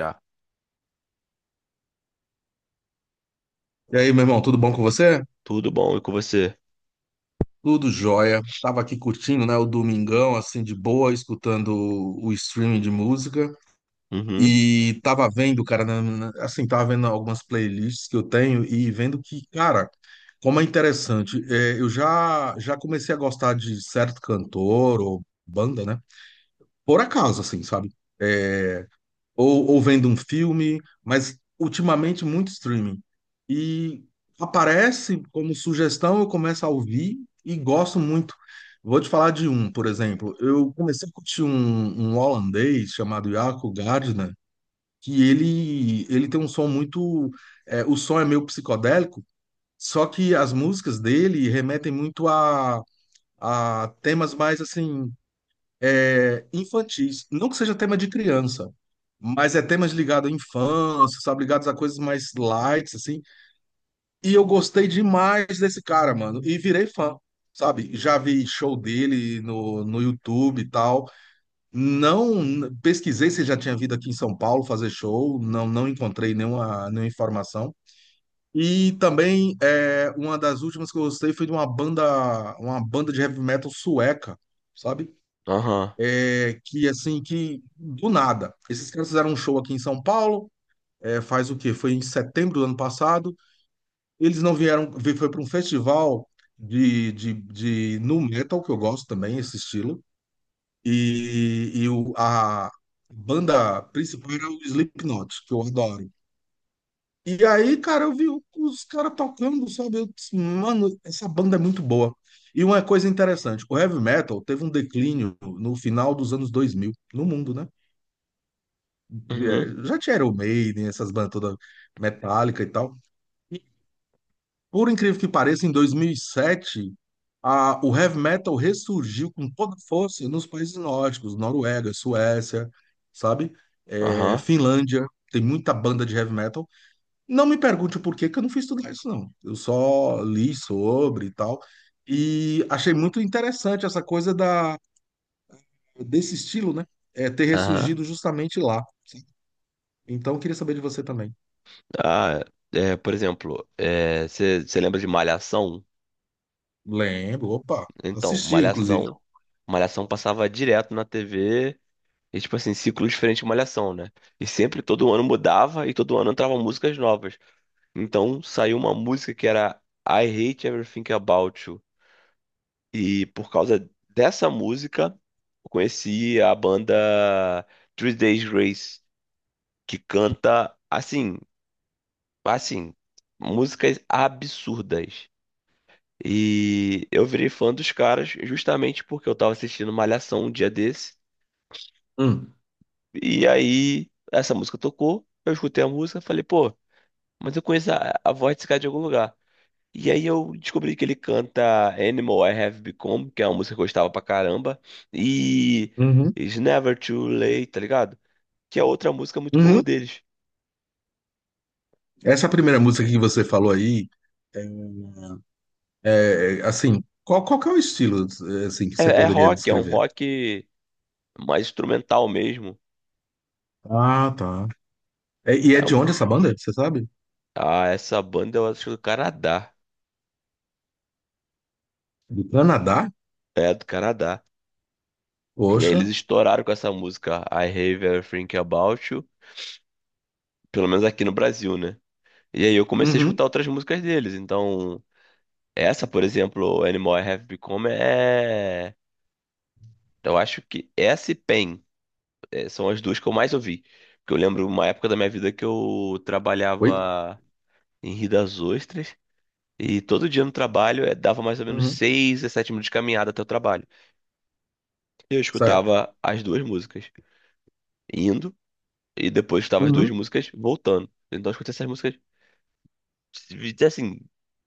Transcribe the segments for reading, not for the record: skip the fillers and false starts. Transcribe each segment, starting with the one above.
Já. E aí, meu irmão, tudo bom com você? Tudo bom e com você? Tudo jóia. Tava aqui curtindo, né, o domingão, assim, de boa, escutando o streaming de música. Uhum. E tava vendo, cara, assim, tava vendo algumas playlists que eu tenho e vendo que, cara, como é interessante. Eu já comecei a gostar de certo cantor ou banda, né? Por acaso, assim, sabe? É, ou vendo um filme, mas ultimamente muito streaming. E aparece como sugestão, eu começo a ouvir e gosto muito. Vou te falar de um, por exemplo. Eu comecei a curtir um holandês chamado Jaco Gardner, que ele tem um som muito. O som é meio psicodélico, só que as músicas dele remetem muito a temas mais assim infantis. Não que seja tema de criança, mas é temas ligados à infância, sabe? Ligados a coisas mais light, assim. E eu gostei demais desse cara, mano. E virei fã, sabe? Já vi show dele no YouTube e tal. Não pesquisei se já tinha vindo aqui em São Paulo fazer show. Não, não encontrei nenhuma informação. E também uma das últimas que eu gostei foi de uma banda de heavy metal sueca, sabe? Aham. Que assim, que do nada. Esses caras fizeram um show aqui em São Paulo, é, faz o quê? Foi em setembro do ano passado. Eles não vieram, foi para um festival de nu metal, que eu gosto também, esse estilo. E a banda principal era o Slipknot, que eu adoro. E aí, cara, eu vi os caras tocando, sabe? Eu disse, mano, essa banda é muito boa. E uma coisa interessante, o heavy metal teve um declínio no final dos anos 2000 no mundo, né? Uhum. Já tinha Iron Maiden, essas bandas todas metálica e tal. E por incrível que pareça, em 2007, o heavy metal ressurgiu com toda força nos países nórdicos, Noruega, Suécia, sabe? É, Aham. Finlândia, tem muita banda de heavy metal. Não me pergunte o porquê, que eu não fui estudar isso, não. Eu só li sobre e tal. E achei muito interessante essa coisa da, desse estilo, né? É, ter Aham. ressurgido justamente lá. Então, eu queria saber de você também. Ah, é, por exemplo, você lembra de Malhação? Lembro, opa, Então, assisti, inclusive. Malhação. Malhação passava direto na TV. E, tipo assim, ciclo diferente de Malhação, né? E sempre todo ano mudava e todo ano entravam músicas novas. Então saiu uma música que era I Hate Everything About You. E por causa dessa música, eu conheci a banda Three Days Grace, que canta assim, assim, músicas absurdas. E eu virei fã dos caras justamente porque eu tava assistindo Malhação um dia desse. Hum. E aí essa música tocou, eu escutei a música, falei, pô, mas eu conheço a voz desse cara de algum lugar. E aí eu descobri que ele canta Animal I Have Become, que é uma música que eu gostava pra caramba, e Uhum. It's Never Too Late, tá ligado? Que é outra música muito boa Uhum. deles. Essa primeira música que você falou aí, é, é, assim, qual, qual que é o estilo, é, assim, que É, você é poderia rock, é um descrever? rock mais instrumental mesmo. Ah, tá. É, e é É de um- onde essa banda, você sabe? Ah, essa banda eu acho do Canadá. Do Canadá? É, do Canadá. E aí Poxa. eles estouraram com essa música I Have Everything About You, pelo menos aqui no Brasil, né? E aí eu comecei a escutar Uhum. outras músicas deles. Então, essa, por exemplo, Animal I Have Become é. Eu acho que essa e Pain é, são as duas que eu mais ouvi. Porque eu lembro uma época da minha vida que eu Oi? trabalhava em Rio das Ostras. E todo dia no trabalho dava mais ou menos Uhum. 6 a 7 minutos de caminhada até o trabalho. E eu Certo. escutava as duas músicas indo e depois estava as duas Uhum. músicas voltando. Então eu escutei essas músicas assim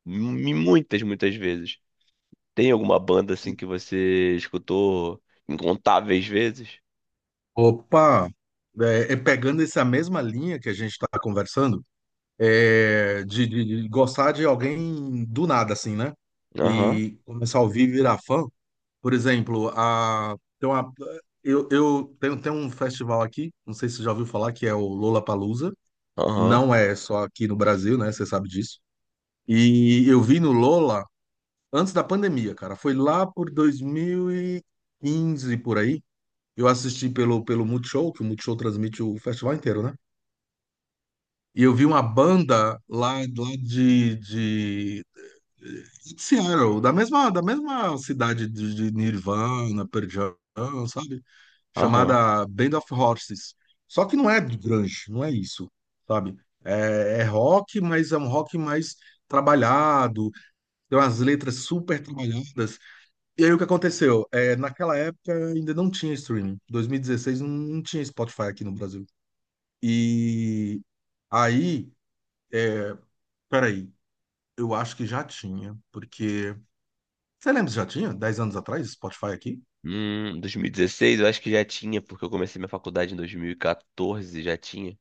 muitas, muitas vezes. Tem alguma banda assim que você escutou incontáveis vezes? Opa! É, é pegando essa mesma linha que a gente está conversando, é, de, de gostar de alguém do nada, assim, né? Aham, E começar a ouvir, virar fã. Por exemplo, a, tem uma, eu tenho, tem um festival aqui, não sei se você já ouviu falar, que é o Lollapalooza. aham, Não é só aqui no Brasil, né? Você sabe disso. E eu vi no Lola antes da pandemia, cara. Foi lá por 2015, por aí. Eu assisti pelo Multishow, que o Multishow transmite o festival inteiro, né? E eu vi uma banda lá, lá de Seattle, da mesma cidade de Nirvana, Pearl Jam, sabe? aham. Chamada Band of Horses. Só que não é grunge, não é isso, sabe? É, é rock, mas é um rock mais trabalhado, tem umas letras super trabalhadas. E aí o que aconteceu? É, naquela época ainda não tinha streaming. 2016 não, não tinha Spotify aqui no Brasil. E aí, é, peraí, eu acho que já tinha, porque. Você lembra se já tinha? 10 anos atrás, Spotify aqui? 2016 eu acho que já tinha, porque eu comecei minha faculdade em 2014, já tinha.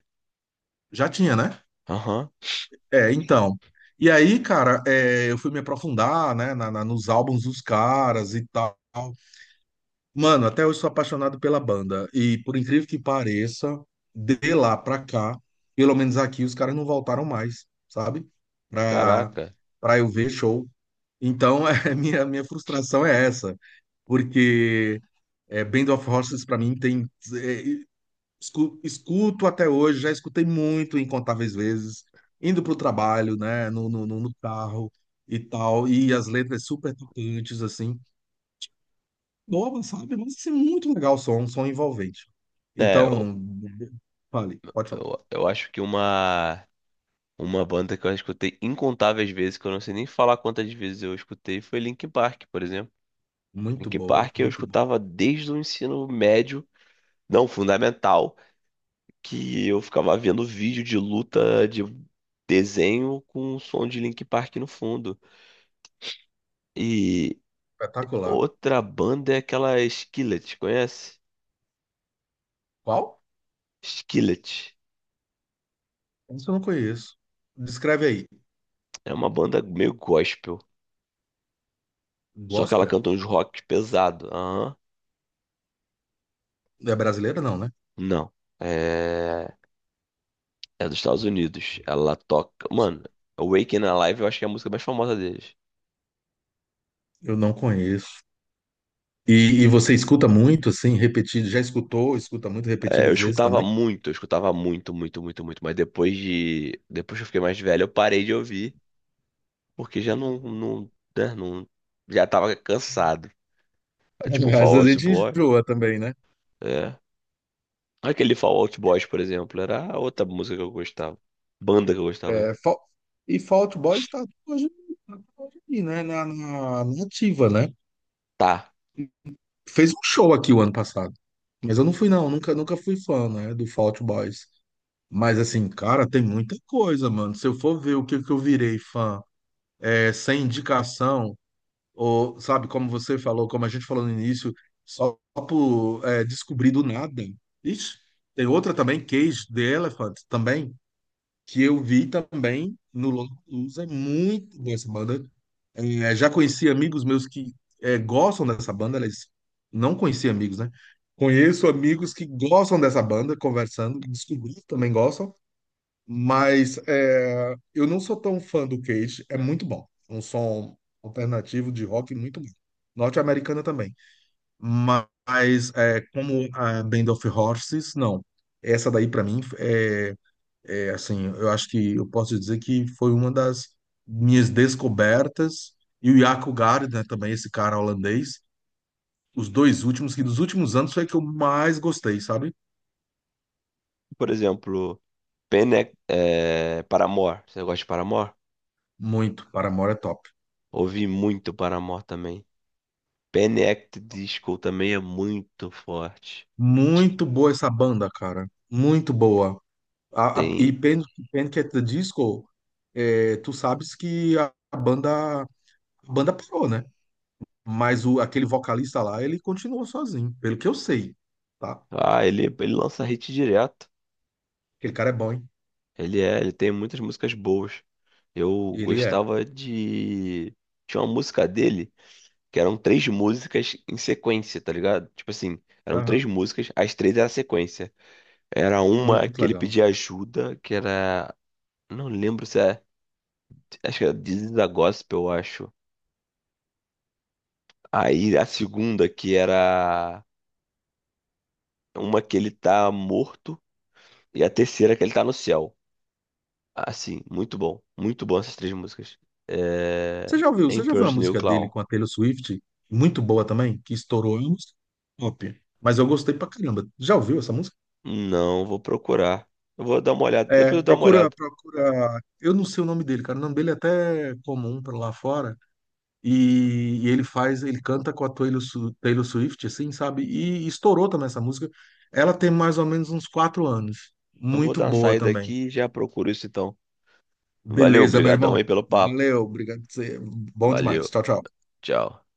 Já tinha, né? Aham, É, então. E aí, cara, é, eu fui me aprofundar, né, na, nos álbuns dos caras e tal. Mano, até hoje sou apaixonado pela banda. E por incrível que pareça, de lá pra cá, pelo menos aqui, os caras não voltaram mais, sabe? Pra, caraca. pra eu ver show. Então, é, minha frustração é essa. Porque é, Band of Horses, pra mim, tem. É, escuto até hoje, já escutei muito, incontáveis vezes, indo para o trabalho, né, no carro e tal, e as letras super tocantes, assim, nova sabe? Mas assim, muito legal o som, um som envolvente. É, Então, fale, pode falar. Eu acho que uma banda que eu escutei incontáveis vezes, que eu não sei nem falar quantas vezes eu escutei, foi Linkin Park, por exemplo. Muito Linkin boa, Park eu muito boa. escutava desde o ensino médio, não, fundamental, que eu ficava vendo vídeo de luta de desenho com o som de Linkin Park no fundo. E Espetacular. outra banda é aquela Skillet, conhece? Qual? Skillet. Isso eu não conheço. Descreve aí. É uma banda meio gospel, só que ela Gospel? canta uns rock pesado. Aham. É brasileira, não, né? Não. É... é dos Estados Unidos. Ela toca, mano, Awaken Alive eu acho que é a música mais famosa deles. Eu não conheço. E você escuta muito, assim, repetido? Já escutou? Escuta muito É, repetidas vezes também? Eu escutava muito, muito, muito, muito. Mas depois de. Depois que eu fiquei mais velho, eu parei de ouvir. Porque já não. Não, né, já tava cansado. É, Às tipo, vezes Fall a Out gente Boy. enjoa também, né? É. Aquele Fall Out Boys, por exemplo, era a outra música que eu gostava. Banda que eu gostava, né? É, e Fall Out Boy está até hoje aí, né? Na ativa, né? Tá. Fez um show aqui o ano passado. Mas eu não fui, não. Nunca, nunca fui fã, né? Do Fall Out Boys. Mas, assim, cara, tem muita coisa, mano. Se eu for ver o que, que eu virei fã é, sem indicação, ou, sabe, como você falou, como a gente falou no início, só por é, descobrir do nada. Ixi, tem outra também, Cage the Elephant, também. Que eu vi também no Lollapalooza, é muito boa essa banda. É, já conheci amigos meus que é, gostam dessa banda, eles não conheci amigos, né? Conheço amigos que gostam dessa banda, conversando, descobri que também gostam, mas é, eu não sou tão fã do Cage, é muito bom. É um som alternativo de rock muito bom. Norte-americana também. Mas é, como a Band of Horses, não. Essa daí, pra mim, é é, assim, eu acho que eu posso dizer que foi uma das minhas descobertas. E o Jaco Gard, né, também esse cara holandês, os dois últimos, que dos últimos anos foi que eu mais gostei, sabe? Por exemplo, é, Paramore. Você gosta de Paramore? Muito, Paramore é top. Ouvi muito Paramore também. Panic! Disco também é muito forte. Muito boa essa banda, cara. Muito boa. A, Tem. Panic at the Disco, é, tu sabes que a, a banda parou, né? Mas o, aquele vocalista lá, ele continuou sozinho, pelo que eu sei, tá? Ah, ele lança hit direto. Aquele cara é bom, hein? Ele é, ele tem muitas músicas boas. Eu Ele gostava de. Tinha uma música dele que eram três músicas em sequência, tá ligado? Tipo assim, eram três é. músicas, as três eram sequência. Era uma Muito que ele legal. pedia ajuda, que era. Não lembro se é. Acho que era This is a Gospel, eu acho. Aí a segunda, que era uma que ele tá morto, e a terceira que ele tá no céu. Assim, muito bom. Muito bom essas três músicas. É... Você já ouviu? Você já ouviu a Emperor's New música dele Clown. com a Taylor Swift? Muito boa também, que estourou. É uma música top. Mas eu gostei pra caramba. Já ouviu essa música? Não, vou procurar. Eu vou dar uma olhada. É, Depois eu dou uma procura, olhada. procura. Eu não sei o nome dele, cara. O nome dele é até comum pra lá fora. E ele faz, ele canta com a Taylor, Taylor Swift, assim, sabe? E, estourou também essa música. Ela tem mais ou menos uns 4 anos. Eu vou Muito dar uma boa saída também. aqui e já procuro isso então. Valeu, Beleza, meu brigadão irmão. aí pelo papo. Valeu, obrigado. Por você. Bom Valeu, demais. Tchau, tchau. tchau.